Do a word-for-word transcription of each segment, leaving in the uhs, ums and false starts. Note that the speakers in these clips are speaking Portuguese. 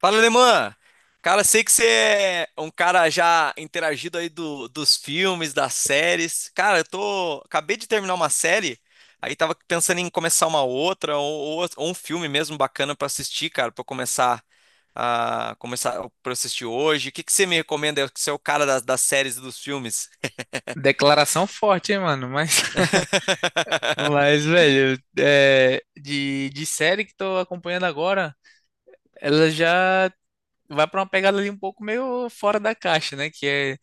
Fala, Alemã! Cara, sei que você é um cara já interagido aí do, dos filmes, das séries. Cara, eu tô. Acabei de terminar uma série, aí tava pensando em começar uma outra, ou, ou- ou um filme mesmo bacana pra assistir, cara, pra eu começar a começar pra eu assistir hoje. O que que você me recomenda? Você é o cara das, das séries e dos filmes. Declaração forte, hein, mano? Mas, mas velho, é, de, de série que tô acompanhando agora, ela já vai pra uma pegada ali um pouco meio fora da caixa, né? Que é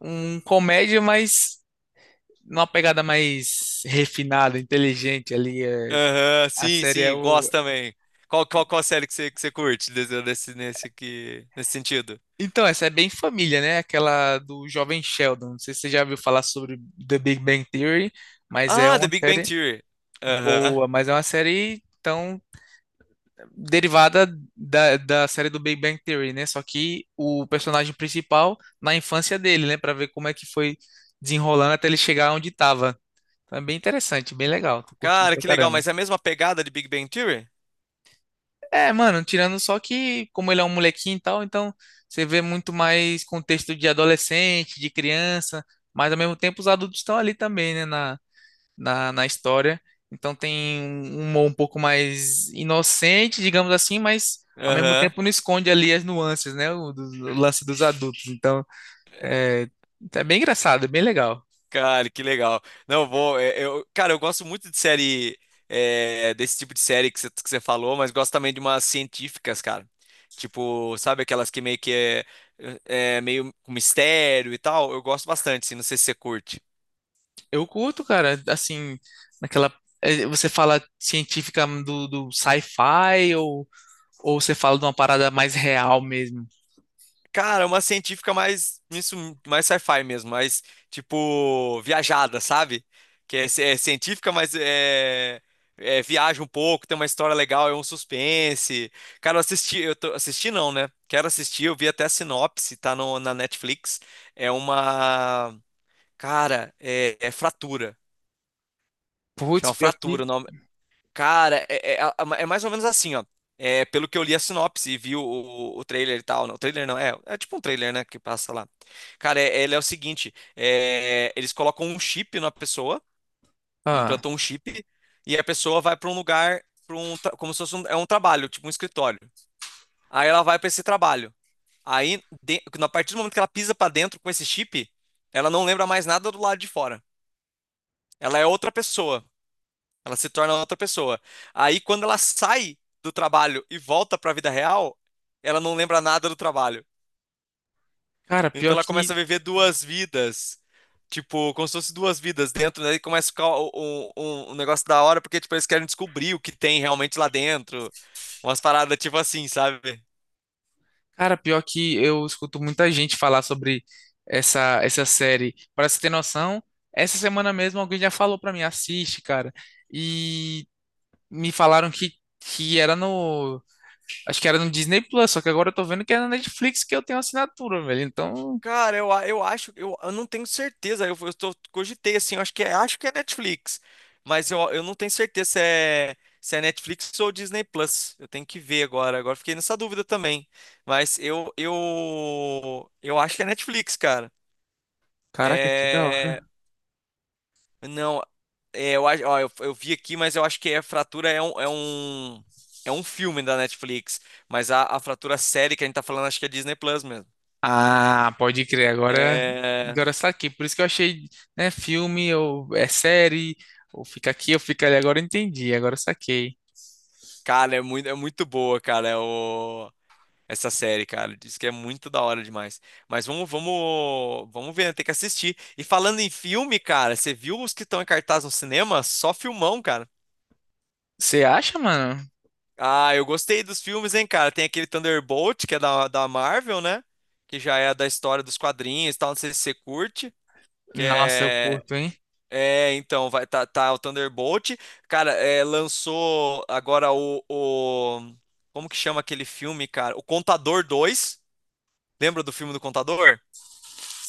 um comédia, mas numa pegada mais refinada, inteligente ali. É. Aham, A sim, série é sim, o. gosto também. Qual, qual, qual série que você, que você curte desse, desse- nesse, que, nesse sentido? Então, essa é bem família, né? Aquela do Jovem Sheldon. Não sei se você já ouviu falar sobre The Big Bang Theory, mas é Ah, The uma Big Bang série Theory. Aham. boa, mas é uma série. Então, derivada da, da série do Big Bang Theory, né? Só que o personagem principal na infância dele, né? Pra ver como é que foi desenrolando até ele chegar onde tava. Então é bem interessante, bem legal. Tô curtindo Cara, pra que legal, caramba. mas é a mesma pegada de Big Bang Theory? É, mano, tirando só que, como ele é um molequinho e tal, então você vê muito mais contexto de adolescente, de criança, mas ao mesmo tempo os adultos estão ali também, né? Na, na, na história. Então tem um humor um pouco mais inocente, digamos assim, mas ao mesmo Aham. tempo não esconde ali as nuances, né? O, do- o lance dos adultos. Então é, é bem engraçado, é bem legal. Cara, que legal. Não, vou. é, Eu, cara, eu gosto muito de série. É, desse tipo de série que você que você falou, mas gosto também de umas científicas, cara. Tipo, sabe aquelas que meio que é, é é meio com mistério e tal? Eu gosto bastante, assim, não sei se você curte. Eu curto, cara, assim, naquela. é, Você fala científica do, do sci-fi ou, ou você fala de uma parada mais real mesmo? Cara, uma científica mais, isso, mais sci-fi mesmo, mais, tipo, viajada, sabe? Que é, ci- é científica, mas é, é, viaja um pouco, tem uma história legal, é um suspense. Cara, eu assisti, eu tô, assisti não, né? Quero assistir, eu vi até a sinopse, tá no, na Netflix. É uma, cara, é, É Fratura. Putz, Chama pior que. Fratura. Cara, é, é- é mais ou menos assim, ó. É, pelo que eu li a sinopse e vi o, o, o trailer e tal. Não, o trailer não, é, é tipo um trailer, né, que passa lá. Cara, é, ele é o seguinte: é, eles colocam um chip na pessoa, Ah, implantam um chip, e a pessoa vai pra um lugar, pra um, tra- como se fosse um, é um trabalho, tipo um escritório. Aí ela vai pra esse trabalho. Aí, de, a partir do momento que ela pisa pra dentro com esse chip, ela não lembra mais nada do lado de fora. Ela é outra pessoa. Ela se torna outra pessoa. Aí, quando ela sai do trabalho e volta para a vida real, ela não lembra nada do trabalho. cara, Então, pior ela começa que. a viver duas vidas. Tipo, como se fosse duas vidas dentro, daí começa a ficar um, um- um negócio da hora, porque, tipo, eles querem descobrir o que tem realmente lá dentro. Umas paradas, tipo assim, sabe? Cara, pior que eu escuto muita gente falar sobre essa, essa série. Pra você ter noção, essa semana mesmo alguém já falou pra mim, assiste, cara. E me falaram que, que era no. Acho que era no Disney Plus, só que agora eu tô vendo que é na Netflix que eu tenho assinatura, velho. Então, Cara, eu, a- eu acho, eu, eu não tenho certeza. Eu, eu tô, cogitei assim, eu acho que é, acho que é Netflix, mas eu, eu não tenho certeza se é, se é Netflix ou Disney Plus. Eu tenho que ver agora. Agora fiquei nessa dúvida também. Mas eu, eu, eu acho que é Netflix, cara. caraca, que da É, hora. não, é, eu, acho- ó, eu, eu vi aqui, mas eu acho que é Fratura é um, é um, é um filme da Netflix. Mas a, a Fratura série que a gente tá falando, acho que é Disney Plus mesmo. Ah, pode crer, agora, É. agora está aqui. Por isso que eu achei, né, filme, ou é série, ou fica aqui, ou fica ali. Agora eu entendi, agora eu saquei. Cara, é muito, é muito boa, cara, é o... essa série, cara. Diz que é muito da hora demais. Mas vamos, vamos, vamos ver, né? Tem que assistir. E falando em filme, cara, você viu os que estão em cartaz no cinema? Só filmão, cara. Você acha, mano? Ah, eu gostei dos filmes, hein, cara. Tem aquele Thunderbolt, que é da, da Marvel, né? Que já é da história dos quadrinhos e tal. Não sei se você curte. Que Nossa, eu é curto, hein? É, então, vai tá, tá o Thunderbolt. Cara, é, lançou agora o, o- Como que chama aquele filme, cara? O Contador dois. Lembra do filme do Contador?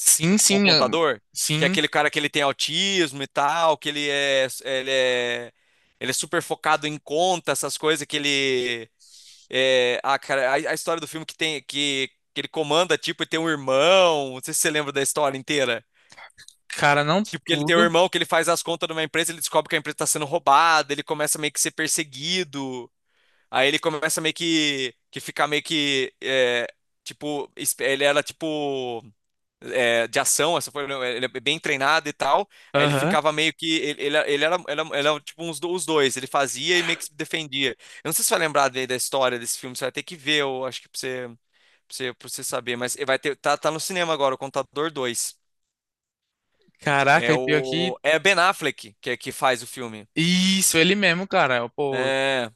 Sim, O sim, eu- Contador? Que é sim, aquele cara que ele tem autismo e tal, que ele é. Ele é, ele é super focado em conta, essas coisas que ele. É, ah, cara, a, a história do filme que tem. Que, que ele comanda, tipo, e tem um irmão. Não sei se você lembra da história inteira. cara, não Tipo, que ele tem um tudo. irmão que ele faz as contas numa empresa, ele descobre que a empresa está sendo roubada, ele começa meio que ser perseguido, aí ele começa meio que, que ficar meio que, é, tipo, esp- ele era tipo, é, de ação, essa foi, né, ele é bem treinado e tal, aí ele Aham. ficava meio que, ele, ele, ele era, ele era, ele era, tipo uns, do- os dois, ele fazia e meio que se defendia. Eu não sei se você vai lembrar de- da história desse filme, você vai ter que ver, eu acho que pra você, pra você, pra você saber, mas vai ter, tá, tá no cinema agora, o Contador dois Caraca, é e pior que. o. É Ben Affleck que, é que faz o filme. Isso, ele mesmo, cara. Pô, É.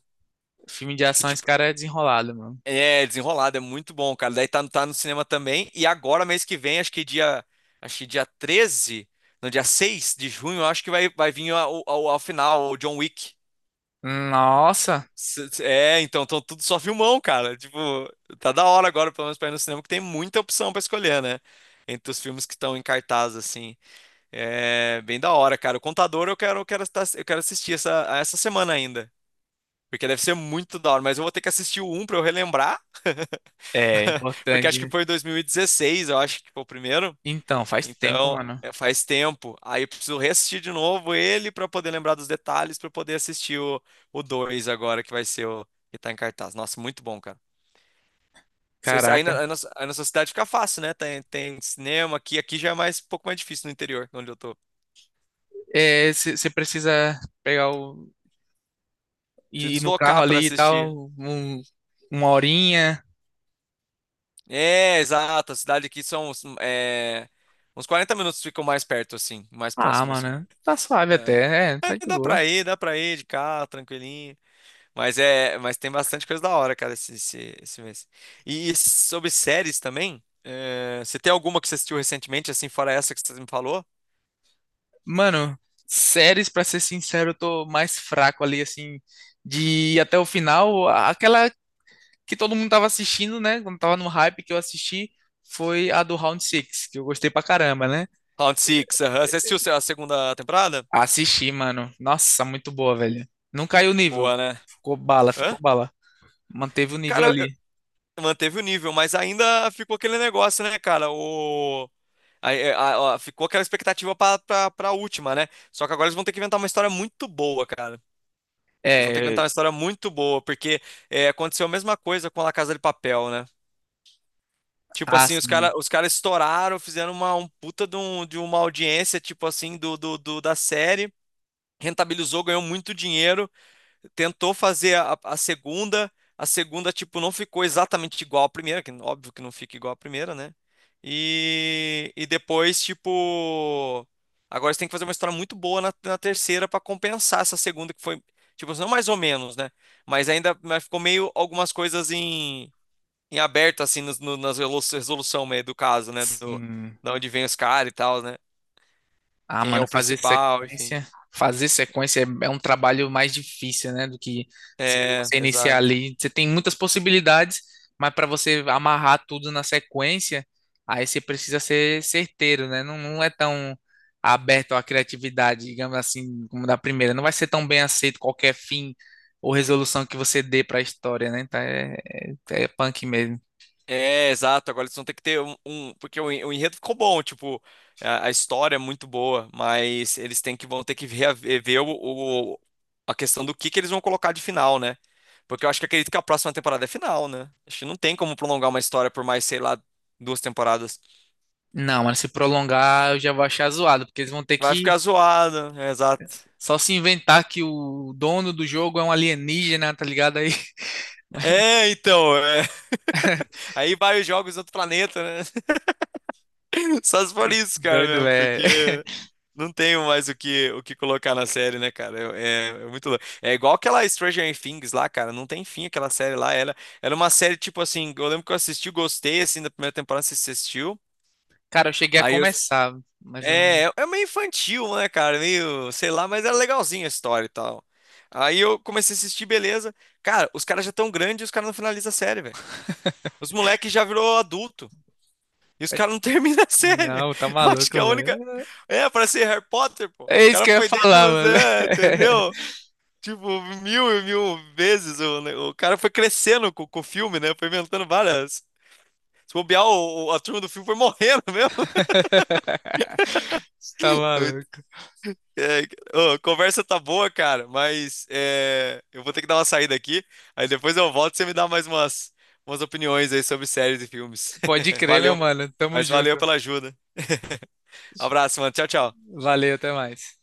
filme de Que ação, esse tipo. cara é desenrolado, mano. É, desenrolado, é muito bom, cara. Daí tá, tá no cinema também. E agora, mês que vem, acho que dia. Acho que dia treze No dia seis de junho, eu acho que vai, vai vir ao, ao, ao final o John Wick. Nossa, S- s- É, então, tão tudo só filmão, cara. Tipo, tá da hora agora, pelo menos pra ir no cinema, que tem muita opção pra escolher, né? Entre os filmes que estão em cartaz, assim. É bem da hora, cara. O Contador eu quero, eu quero, estar- eu quero assistir essa, essa semana ainda. Porque deve ser muito da hora, mas eu vou ter que assistir o um pra eu relembrar, é porque importante, acho que né? foi em dois mil e dezesseis, eu acho que foi o primeiro. Então, faz tempo, Então, mano. é, faz tempo. Aí eu preciso reassistir de novo ele pra poder lembrar dos detalhes, pra eu poder assistir o, o dois agora, que vai ser o que tá em cartaz. Nossa, muito bom, cara. Se- se- Aí na, aí Caraca. na, aí na sua cidade fica fácil, né? Tem, tem cinema aqui, aqui já é mais, um pouco mais difícil no interior, onde eu tô. É, você precisa pegar o. Ir Preciso ir no carro deslocar pra ali e tal, assistir. um- uma horinha. É, exato. A cidade aqui são é, uns quarenta minutos ficam mais perto, assim, mais Ah, próximo, assim. mano, tá suave É. até, é, tá de É, dá boa. pra ir, dá pra ir de carro, tranquilinho. Mas é, mas tem bastante coisa da hora, cara, esse, esse, esse mês. E, e sobre séries também, é, você tem alguma que você assistiu recentemente, assim, fora essa que você me falou? Mano, séries, pra ser sincero, eu tô mais fraco ali, assim, de ir até o final. A- Aquela que todo mundo tava assistindo, né? Quando tava no hype que eu assisti, foi a do Round Six que eu gostei pra caramba, né? Round Six, aham. Você assistiu a segunda temporada? Assisti, mano. Nossa, muito boa, velho. Não caiu o nível. Boa, né? Ficou bala, Hã? ficou bala. Manteve o nível Cara, eu- ali. manteve o nível, mas ainda ficou aquele negócio, né, cara? O... a- a- a- ficou aquela expectativa pra, pra, pra última, né? Só que agora eles vão ter que inventar uma história muito boa, cara. Eles vão ter que É, inventar uma história muito boa, porque é, aconteceu a mesma coisa com a La Casa de Papel, né? Tipo ah, assim, os sim, caras os cara estouraram, fizeram uma um puta de, um- de uma audiência, tipo assim, do, do, do- da série, rentabilizou, ganhou muito dinheiro, tentou fazer a, a segunda, a segunda, tipo, não ficou exatamente igual à primeira, que óbvio que não fica igual à primeira, né? E, e depois, tipo, agora você tem que fazer uma história muito boa na, na terceira para compensar essa segunda que foi, tipo, não mais ou menos, né? Mas ainda mas ficou meio algumas coisas em, em aberto, assim, nos- no, nas relo- resolução meio do caso, né? Do, sim. da onde vem os caras e tal, né? Ah, Quem é mano, o fazer principal, enfim. sequência, fazer sequência é, é um trabalho mais difícil, né, do que você, É, você iniciar exato. ali. Você tem muitas possibilidades, mas para você amarrar tudo na sequência, aí você precisa ser certeiro, né? Não, não é tão aberto à criatividade, digamos assim, como da primeira. Não vai ser tão bem aceito qualquer fim ou resolução que você dê para a história, né? Então é, é, é punk mesmo. É, exato. Agora eles vão ter que ter um, um- porque o, en- o enredo ficou bom, tipo, a, a história é muito boa, mas eles têm que vão ter que ver, o, o- a questão do que que eles vão colocar de final, né? Porque eu acho que acredito que a próxima temporada é final, né? Acho que não tem como prolongar uma história por mais, sei lá, duas temporadas. Não, mas se prolongar, eu já vou achar zoado, porque eles vão ter Vai que ficar zoado, é, exato. Só se inventar que o dono do jogo é um alienígena, tá ligado aí? É, então, é. Aí vai os jogos do outro planeta, né? Só se for isso, cara, Doido, mesmo, velho. porque não tenho mais o que, o que colocar na série, né, cara? É, é- é muito louco. É igual aquela Stranger Things lá, cara. Não tem fim aquela série lá. Era, era uma série, tipo assim, eu lembro que eu assisti, gostei, assim, da primeira temporada, você assistiu. Cara, eu cheguei a Aí eu. começar, mas eu não. É, é é meio infantil, né, cara? Meio, sei lá, mas era legalzinha a história e tal. Aí eu comecei a assistir, beleza. Cara, os caras já tão grandes e os caras não finalizam a série, velho. Os moleques já virou adulto. E os caras não terminam a série. Não, tá Eu acho que a maluco, única. velho. É, pra ser Harry Potter, pô. O É isso cara que eu ia foi desde falar, os mano. É, entendeu? Tipo, mil e mil vezes. O, ne- o cara foi crescendo com, com o filme, né? Foi inventando várias. Se bobear, o, o- a turma do filme foi morrendo mesmo. Tá maluco. É, ô, a conversa tá boa, cara, mas é, eu vou ter que dar uma saída aqui. Aí depois eu volto e você me dá mais umas, umas opiniões aí sobre séries e filmes. Pode crer, meu Valeu, mano. Tamo mas valeu junto. pela ajuda. Abraço, mano. Tchau, tchau. Valeu, até mais.